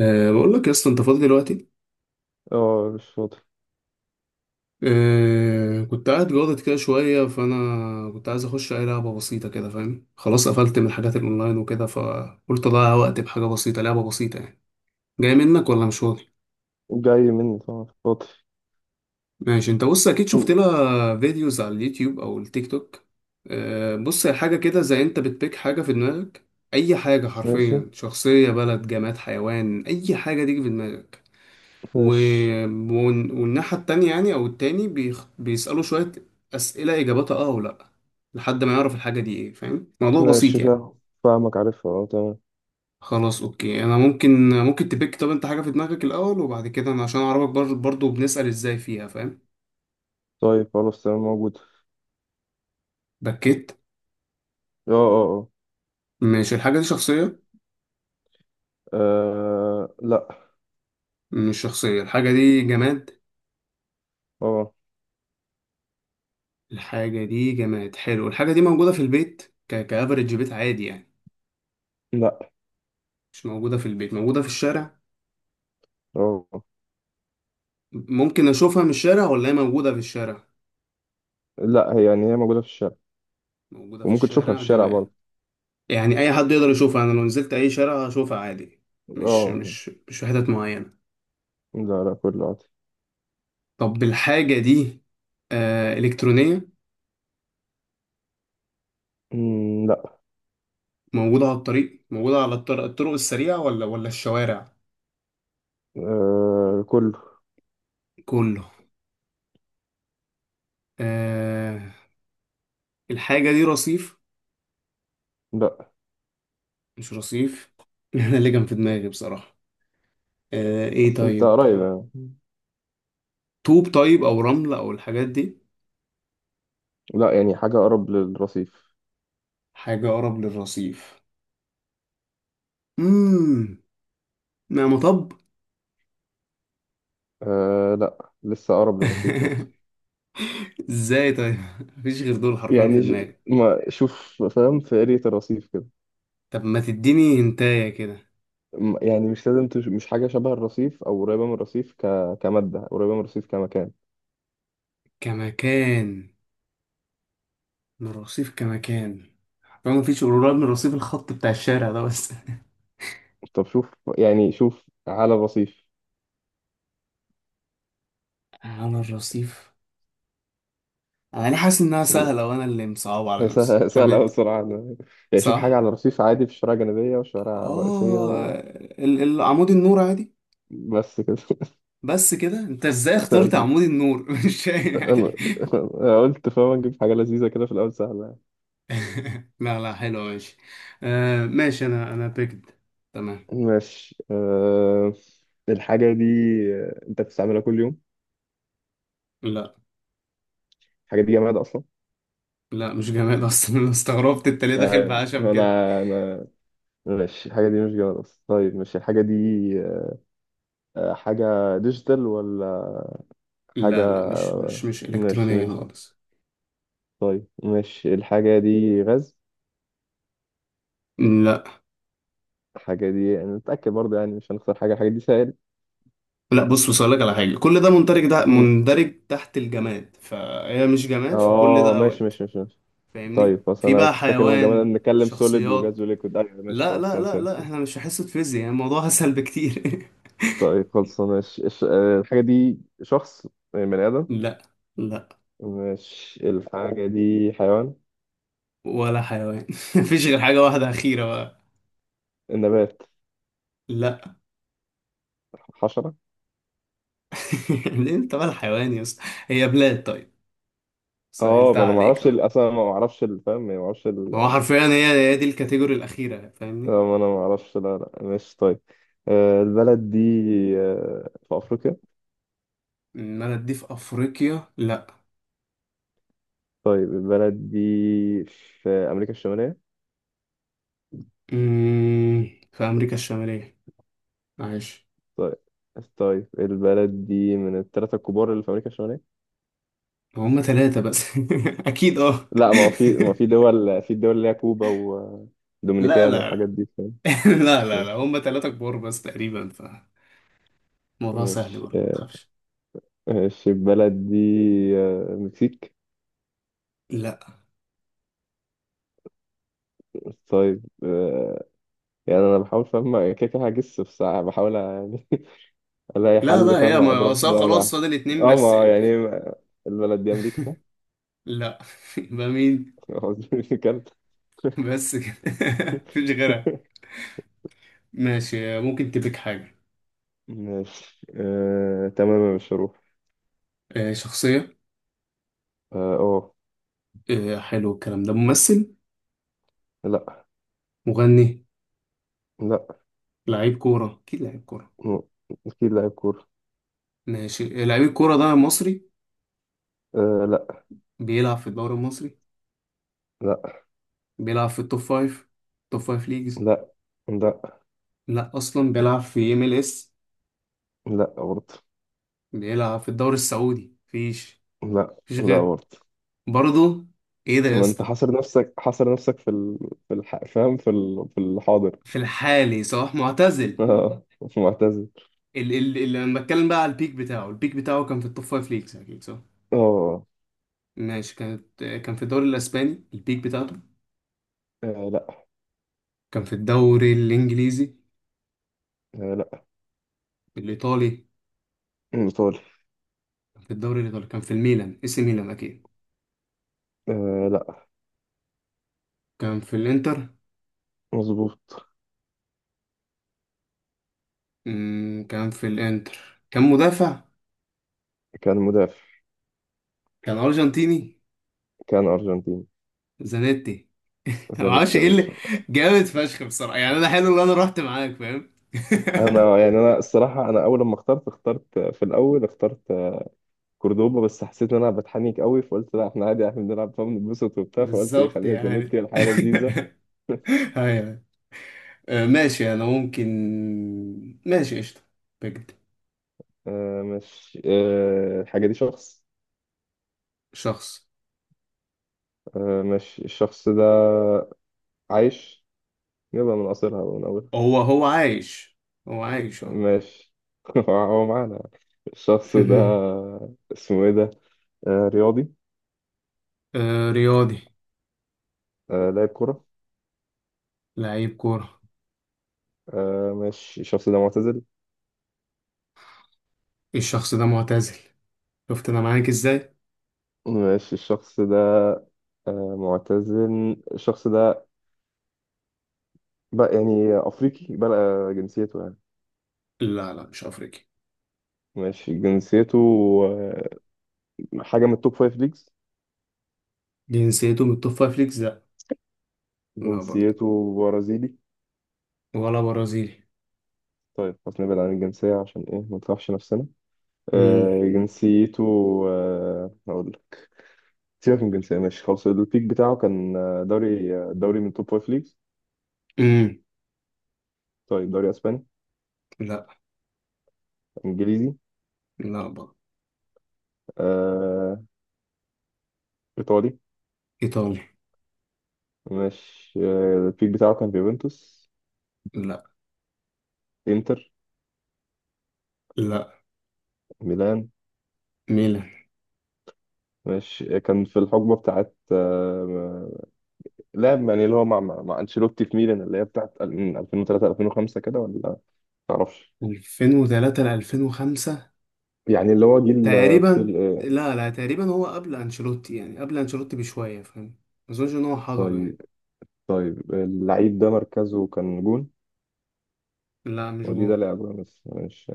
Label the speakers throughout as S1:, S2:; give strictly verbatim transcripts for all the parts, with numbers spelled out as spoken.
S1: أه بقول لك يا اسطى، انت فاضي دلوقتي؟
S2: اه، مش فاضي.
S1: أه كنت قاعد جاضد كده شويه، فانا كنت عايز اخش اي لعبه بسيطه كده فاهم. خلاص قفلت من الحاجات الاونلاين وكده، فقلت اضيع وقت بحاجه بسيطه، لعبه بسيطه يعني. جاي منك ولا مش فاضي؟
S2: جاي مني، طبعا فاضي.
S1: ماشي، انت بص، اكيد شفت لها فيديوز على اليوتيوب او التيك توك. أه بص، هي حاجه كده زي انت بتبيك حاجه في دماغك. اي حاجه
S2: ماشي،
S1: حرفيا، شخصيه، بلد، جماد، حيوان، اي حاجه تيجي في دماغك. و...
S2: ماشي،
S1: ون- والناحية التانية يعني أو التاني بيخ... بيسألوا شوية أسئلة إجاباتها آه ولأ، لحد ما يعرف الحاجة دي إيه. فاهم؟ موضوع بسيط
S2: ماشي،
S1: يعني.
S2: فاهم. فاهمك، عارفها، اه، تمام.
S1: خلاص أوكي، أنا ممكن ممكن تبيك. طب أنت حاجة في دماغك الأول وبعد كده أنا عشان أعرفك بر... برضو بنسأل إزاي فيها. فاهم؟
S2: طيب، خلاص، تمام، موجود.
S1: بكيت.
S2: اه، اه.
S1: مش الحاجة دي شخصية.
S2: اه، آه، لا.
S1: مش شخصية. الحاجة دي جماد.
S2: اه.
S1: الحاجة دي جماد، حلو. الحاجة دي موجودة في البيت، ك... كأفريج بيت عادي يعني؟
S2: لا.
S1: مش موجودة في البيت، موجودة في الشارع.
S2: اه، اه.
S1: ممكن أشوفها من الشارع ولا هي موجودة في الشارع؟
S2: لا، هي يعني هي موجودة في الشارع.
S1: موجودة في
S2: وممكن تشوفها في
S1: الشارع،
S2: الشارع
S1: جمال.
S2: برضه.
S1: يعني أي حد يقدر يشوفها، أنا لو نزلت أي شارع هشوفها عادي، مش
S2: اه،
S1: مش مش في حتت معينة.
S2: لا، لا، كله عادي.
S1: طب الحاجة دي آه إلكترونية؟
S2: مم، لا.
S1: موجودة على الطريق، موجودة على الطر- الطرق السريعة ولا ولا الشوارع؟
S2: آه، كله.
S1: كله. آه الحاجة دي رصيف.
S2: لا،
S1: مش رصيف أنا اللي كان في دماغي بصراحة. آه إيه
S2: بس انت
S1: طيب؟
S2: قريب يعني.
S1: طوب طيب أو رمل أو الحاجات دي؟
S2: لا يعني حاجة أقرب للرصيف.
S1: حاجة أقرب للرصيف. مم. ما مطب؟
S2: آه، لا، لسه أقرب للرصيف برضه.
S1: ازاي طيب مفيش غير دول حرفيا في
S2: يعني ش-
S1: دماغي.
S2: ما شوف، فاهم، في قرية الرصيف كده.
S1: طب ما تديني هنتايه كده.
S2: م- يعني مش لازم تش... مش حاجة شبه الرصيف أو قريبة من الرصيف، ك... كمادة قريبة من الرصيف كمكان.
S1: كمكان من الرصيف، كمكان. حرفيا مفيش قريب من الرصيف، الخط بتاع الشارع ده بس.
S2: طب شوف، يعني شوف على الرصيف.
S1: على الرصيف؟ انا ليه حاسس انها سهله وانا اللي مصعب على
S2: هي
S1: نفسي؟
S2: سه-
S1: طب
S2: سهلة أوي
S1: اد-
S2: الصراحة أنا- يعني شوف حاجة
S1: صح.
S2: على الرصيف عادي في الشوارع الجانبية والشوارع الرئيسية
S1: اه.
S2: و...
S1: ال- ال- عمود النور عادي؟
S2: بس كده.
S1: بس كده؟ انت ازاي اخترت
S2: بس
S1: عمود النور مش فاهم
S2: أنا
S1: يعني.
S2: أنا قلت فاهم أجيب حاجة لذيذة كده في الأول سهلة يعني.
S1: لا لا، حلو ماشي. آه ماشي، انا انا بيكد. تمام.
S2: ماشي، أه... الحاجة دي آه، أنت بتستعملها كل يوم؟
S1: لا
S2: الحاجة دي جماد أصلا؟
S1: لا مش جماد اصلا. انا استغربت انت ليه داخل
S2: طيب،
S1: بعشم كده.
S2: انا انا ماشي، الحاجه دي مش جوه اصلا. طيب، ماشي، الحاجه دي آه، حاجه ديجيتال ولا؟ حاجه،
S1: لا لا مش مش مش
S2: ماشي،
S1: الكترونيه
S2: مش،
S1: خالص.
S2: طيب ماشي، الحاجه دي غاز؟
S1: لا
S2: الحاجه دي، يعني نتاكد برضه يعني مش هنخسر حاجه، الحاجه دي سائل؟
S1: لا، بص بص اقول لك على حاجه، كل ده مندرج، ده
S2: مم.
S1: مندرج تحت الجماد، فهي مش جماد، فكل
S2: اه،
S1: ده
S2: ماشي،
S1: اوت.
S2: ماشي، ماشي، ماشي.
S1: فاهمني؟
S2: طيب، خلاص،
S1: في
S2: انا
S1: بقى
S2: كنت فاكر ان هو
S1: حيوان،
S2: جمال، نتكلم سوليد وجاز
S1: شخصيات.
S2: وليكويد، ايوه، ماشي،
S1: لا
S2: خلاص،
S1: لا
S2: تمام،
S1: لا
S2: فهمت.
S1: لا، احنا مش في حصه فيزياء يعني، الموضوع اسهل بكتير.
S2: طيب، خلاص، ماشي، الش- آه، الحاجه دي شخص؟ يعني بني ادم؟
S1: لا لا،
S2: ماشي، الحاجه دي حيوان؟
S1: ولا حيوان. مفيش غير حاجه واحده اخيره بقى.
S2: النبات؟
S1: لا.
S2: حشره؟
S1: ليه انت بقى الحيوان يا اسطى؟ هي بلاد طيب،
S2: اه،
S1: سهلتها
S2: ما انا ما
S1: عليك.
S2: اعرفش ال- اصلا، ما اعرفش الفهم، ما اعرفش
S1: ما هو
S2: ال...
S1: حرفيا هي هي دي الكاتيجوري الأخيرة
S2: آه،
S1: فاهمني.
S2: ما انا ما اعرفش، لا، لا، ماشي، طيب. آه، البلد دي آه، في افريقيا؟
S1: إنما دي في أفريقيا لأ.
S2: طيب، البلد دي في امريكا الشماليه؟
S1: مم، في أمريكا الشمالية، معلش.
S2: طيب، طيب، البلد دي من الثلاثه الكبار اللي في امريكا الشماليه؟
S1: هما تلاتة بس أكيد أه.
S2: لا، ما هو في، ما في دول في دول اللي هي كوبا
S1: لا
S2: ودومينيكان
S1: لا
S2: والحاجات
S1: لا.
S2: دي، فاهم؟
S1: لا لا لا،
S2: ماشي،
S1: هما تلاتة كبار بس تقريبا، فالموضوع سهل
S2: ماشي،
S1: برضه، ما
S2: آه،
S1: تخافش.
S2: ماشي، البلد دي آه، المكسيك؟
S1: لا
S2: طيب، آه، يعني انا بحاول، فاهم، كده كده هجس في ساعه بحاول الاقي
S1: لا
S2: حل،
S1: لا،
S2: فاهم،
S1: هي ما
S2: اضربها
S1: أصل
S2: من اول
S1: خلاص
S2: واحده.
S1: فاضل اتنين
S2: اه،
S1: بس
S2: ما
S1: يعني
S2: يعني
S1: في.
S2: ما- البلد دي امريكا؟
S1: لا. يبقى مين؟
S2: قصدي مش كندا؟
S1: بس كده. مفيش غيرها. ماشي، ممكن تبيك حاجة.
S2: ماشي، آه، تمام يا مشروف.
S1: آه، شخصية.
S2: اه، أوه.
S1: آه، حلو. الكلام ده ممثل؟
S2: لا.
S1: مغني؟
S2: لا،
S1: لعيب كورة، أكيد لعيب كورة.
S2: م- اكيد لاعب كورة.
S1: ماشي، لعيب الكورة ده مصري؟
S2: آه، لا.
S1: بيلعب في الدوري المصري؟
S2: لا،
S1: بيلعب في التوب فايف، توب فايف ليجز؟
S2: لا. لا،
S1: لا أصلا، بيلعب في ام ال اس؟
S2: لا، برضه.
S1: بيلعب في الدوري السعودي؟ مفيش.
S2: لا،
S1: مفيش
S2: لا،
S1: غير.
S2: برضه.
S1: برضه؟ إيه ده يا
S2: ما انت
S1: اسطى؟
S2: حاصر نفسك، حاصر نفسك في ال... في الح... فاهم، في ال... في الحاضر.
S1: في الحالي صلاح معتزل.
S2: اه، معتزل.
S1: ال ال ال أنا بتكلم بقى على البيك بتاعه، البيك بتاعه كان في التوب فايف ليجز أكيد، صح؟
S2: اه.
S1: ماشي، كانت كان في الدوري الأسباني البيك بتاعته؟
S2: آه، لا.
S1: كان في الدوري الإنجليزي؟
S2: آه، لا.
S1: الإيطالي.
S2: ايطالي.
S1: كان في الدوري الإيطالي، كان في الميلان، اسم ميلان أكيد.
S2: آه، لا.
S1: كان في الانتر.
S2: مظبوط.
S1: مم، كان في الانتر. كان مدافع.
S2: كان مدافع.
S1: كان ارجنتيني.
S2: كان أرجنتين.
S1: زانيتي. ما
S2: زانت
S1: اعرفش
S2: يا
S1: ايه اللي،
S2: باشا.
S1: جامد فشخ بصراحه يعني، انا حلو ان انا رحت معاك فاهم.
S2: أنا يعني أنا الصراحة، أنا أول لما اخترت اخترت في الأول، اخترت كوردوبا، بس حسيت إن أنا بتحنيك قوي، فقلت لا، إحنا عادي، إحنا بنلعب فبنتبسط وبتاع، فقلت إيه،
S1: بالظبط
S2: خليها
S1: يعني.
S2: زانيتي، الحياة لذيذة.
S1: ايوه. آه، ماشي انا ممكن. ماشي قشطه، بجد.
S2: آه مش آه الحاجة دي شخص؟
S1: شخص.
S2: آه مش الشخص ده عايش؟ يبقى من قصرها ومن أولها.
S1: هو هو عايش. هو عايش اه.
S2: ماشي. هو معانا الشخص ده؟ اسمه إيه ده؟ آه، رياضي؟
S1: آه، رياضي.
S2: آه، لاعب كرة؟
S1: لعيب كوره.
S2: آه، ماشي، الشخص ده معتزل؟
S1: الشخص ده معتزل. شفت انا معاك ازاي؟
S2: ماشي، الشخص ده آه، معتزل الشخص ده. بقى يعني أفريقي بقى جنسيته يعني؟
S1: لا لا مش افريقي.
S2: ماشي، جنسيته آه، حاجة من التوب فايف ليجز؟
S1: جنسيته من التوب فايف ليجز، لا. لا برضه.
S2: جنسيته برازيلي؟
S1: ولا برازيلي.
S2: طيب، خلاص، نبعد عن الجنسية عشان إيه ما نطرحش نفسنا.
S1: امم.
S2: آه، جنسيته آه، هقول لك، سيبك من الجنسية، ماشي، خلاص، البيك بتاعه كان آه، دوري آه، دوري من توب فايف ليجز.
S1: امم.
S2: طيب، دوري أسباني؟
S1: لا
S2: إنجليزي؟
S1: لا برضه.
S2: آه، إيطالي؟
S1: ايطالي.
S2: ماشي، آه، البيك بتاعه كان في يوفنتوس؟
S1: لا.
S2: إنتر؟
S1: لا.
S2: ميلان؟
S1: ميلان.
S2: ماشي، كان في الحقبة بتاعت، آه، لعب يعني اللي هو مع مع مع أنشيلوتي في ميلان، اللي هي بتاعت ال- من ألفين وثلاثة ألفين وخمسة كده ولا، معرفش.
S1: ألفين وثلاثة ل ألفين وخمسة؟
S2: يعني اللي هو جيل آه، في ال-
S1: تقريبا
S2: آه،
S1: لا، لا تقريبا هو قبل انشيلوتي، يعني قبل انشيلوتي بشويه فاهم. ما اظنش ان هو حضره يعني.
S2: طيب، طيب، اللعيب ده مركزه كان جون؟
S1: لا مش
S2: ودي ده
S1: جون.
S2: لعبه بس مش،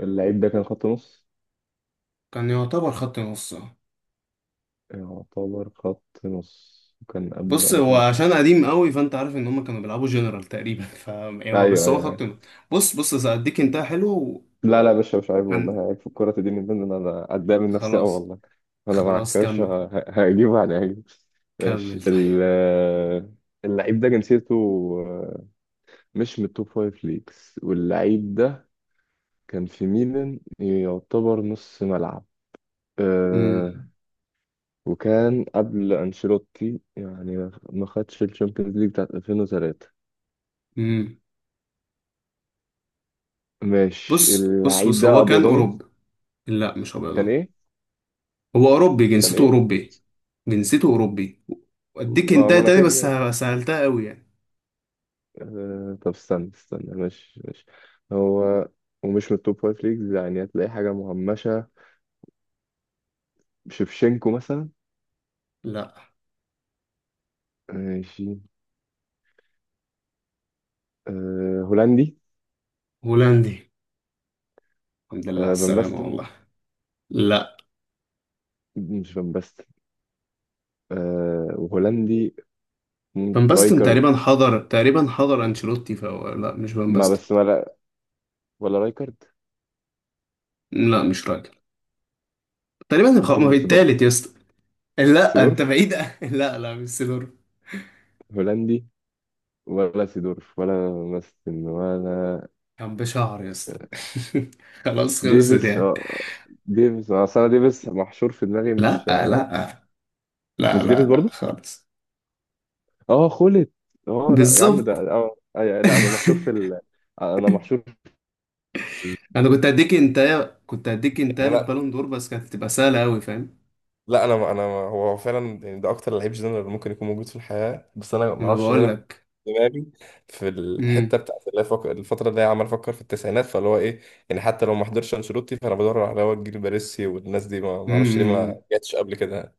S2: اللعيب ده كان خط نص؟
S1: كان يعتبر خط نص آه.
S2: يعتبر خط نص، كان قبل
S1: بص، هو
S2: أنشيلوتي.
S1: عشان قديم قوي، فانت عارف ان هم كانوا بيلعبوا جنرال تقريبا ف يعني هو بس
S2: أيوه،
S1: هو خط
S2: أيوه.
S1: نص. بص بص هديك انت، حلو.
S2: لا، لا يا باشا، مش عيب
S1: وكان.
S2: والله، عيب في الكرة دي، من ضمن انا اتضايق من نفسي قوي
S1: خلاص.
S2: والله. انا معاك
S1: خلاص
S2: يا باشا،
S1: كمل.
S2: ه- هجيب يعني هجيب.
S1: كمل
S2: ماشي،
S1: طيب.
S2: ال- اللعيب ده جنسيته آه، مش من التوب فايف ليجز، واللعيب ده كان في ميلان، يعتبر نص ملعب. أه،
S1: امم.
S2: وكان قبل أنشيلوتي، يعني ما ما خدش الشامبيونز ليج بتاعت ألفين وتلاتة.
S1: امم.
S2: ماشي،
S1: بص بص
S2: اللعيب
S1: بص،
S2: ده
S1: هو كان
S2: أبيضاني؟
S1: أوروبي. لا مش
S2: كان
S1: أبيضان.
S2: إيه؟
S1: هو أوروبي،
S2: كان
S1: جنسيته
S2: إيه؟
S1: أوروبي. جنسيته أوروبي. وأديك
S2: ما, ما
S1: انتهى
S2: أنا
S1: تاني بس
S2: كده.
S1: ه- سهلتها أوي يعني.
S2: آه، طب استنى، استنى، ماشي، ماشي. هو ومش من التوب فايف ليجز، يعني هتلاقي حاجة مهمشة، شيفشينكو مثلا؟
S1: لا.
S2: ماشي. أه، هولندي؟
S1: هولندي. الحمد لله على
S2: أه، فان
S1: السلامة
S2: باستن؟
S1: والله. لا.
S2: مش فان باستن. أه، وهولندي.
S1: فان
S2: ممكن
S1: باستن
S2: رايكارد؟
S1: تقريبا حضر، تقريبا حضر أنشيلوتي، فهو لا مش فان
S2: ما
S1: باستن.
S2: بس، ولا ولا رايكارد.
S1: لا مش راجل. تقريبا خ-
S2: مفيش
S1: ما
S2: غير
S1: في
S2: سيدورف.
S1: التالت يا اسطى؟ لا انت
S2: سيدورف
S1: بعيد. لا لا مش سيدور.
S2: هولندي. ولا سيدورف ولا باستن ولا،
S1: كان بشعر يا اسطى.
S2: آه،
S1: خلاص خلصت
S2: ديفيس،
S1: يعني.
S2: اه. ديفيس، اه، أصل انا ديفيس محشور في دماغي،
S1: لا
S2: مش،
S1: لا لا
S2: مش
S1: لا
S2: ديفيس
S1: لا
S2: برضه؟
S1: خالص.
S2: اه، خلت. اه، لا يا عم، ده
S1: بالظبط.
S2: اه، أي- لا انا محشور في ال... انا محشور في ال...
S1: انا كنت هديك انت كنت هديك انت
S2: يعني انا،
S1: للبالون دور، بس كانت هتبقى سهله قوي فاهم.
S2: لا، انا انا هو هو فعلا يعني ده اكتر لعيب جنرال ممكن يكون موجود في الحياه، بس انا ما
S1: انا
S2: اعرفش ليه،
S1: بقول
S2: انا
S1: لك.
S2: في دماغي في
S1: امم.
S2: الحته بتاعت اللي فك... الفتره اللي هي عمال افكر في التسعينات، فاللي هو ايه، يعني حتى لو ما حضرش انشيلوتي، فانا بدور على هو الجيل باريسي والناس دي، ما ما اعرفش ليه ما
S1: امم.
S2: جاتش قبل كده يعني.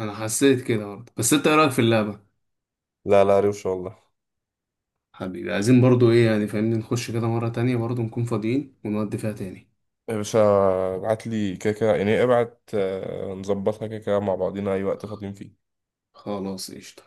S1: انا حسيت كده برضه، بس انت ايه رايك في اللعبه؟
S2: لا، لا، روشه والله.
S1: حبيبي، عايزين برضه ايه يعني فاهمني، نخش كده مره تانية برضه، نكون فاضيين ونودي فيها تاني.
S2: يا باشا، ابعت لي كده كده، يعني ابعت، آه، نظبطها كده كده مع بعضينا اي وقت فاضيين فيه.
S1: خلاص قشطه.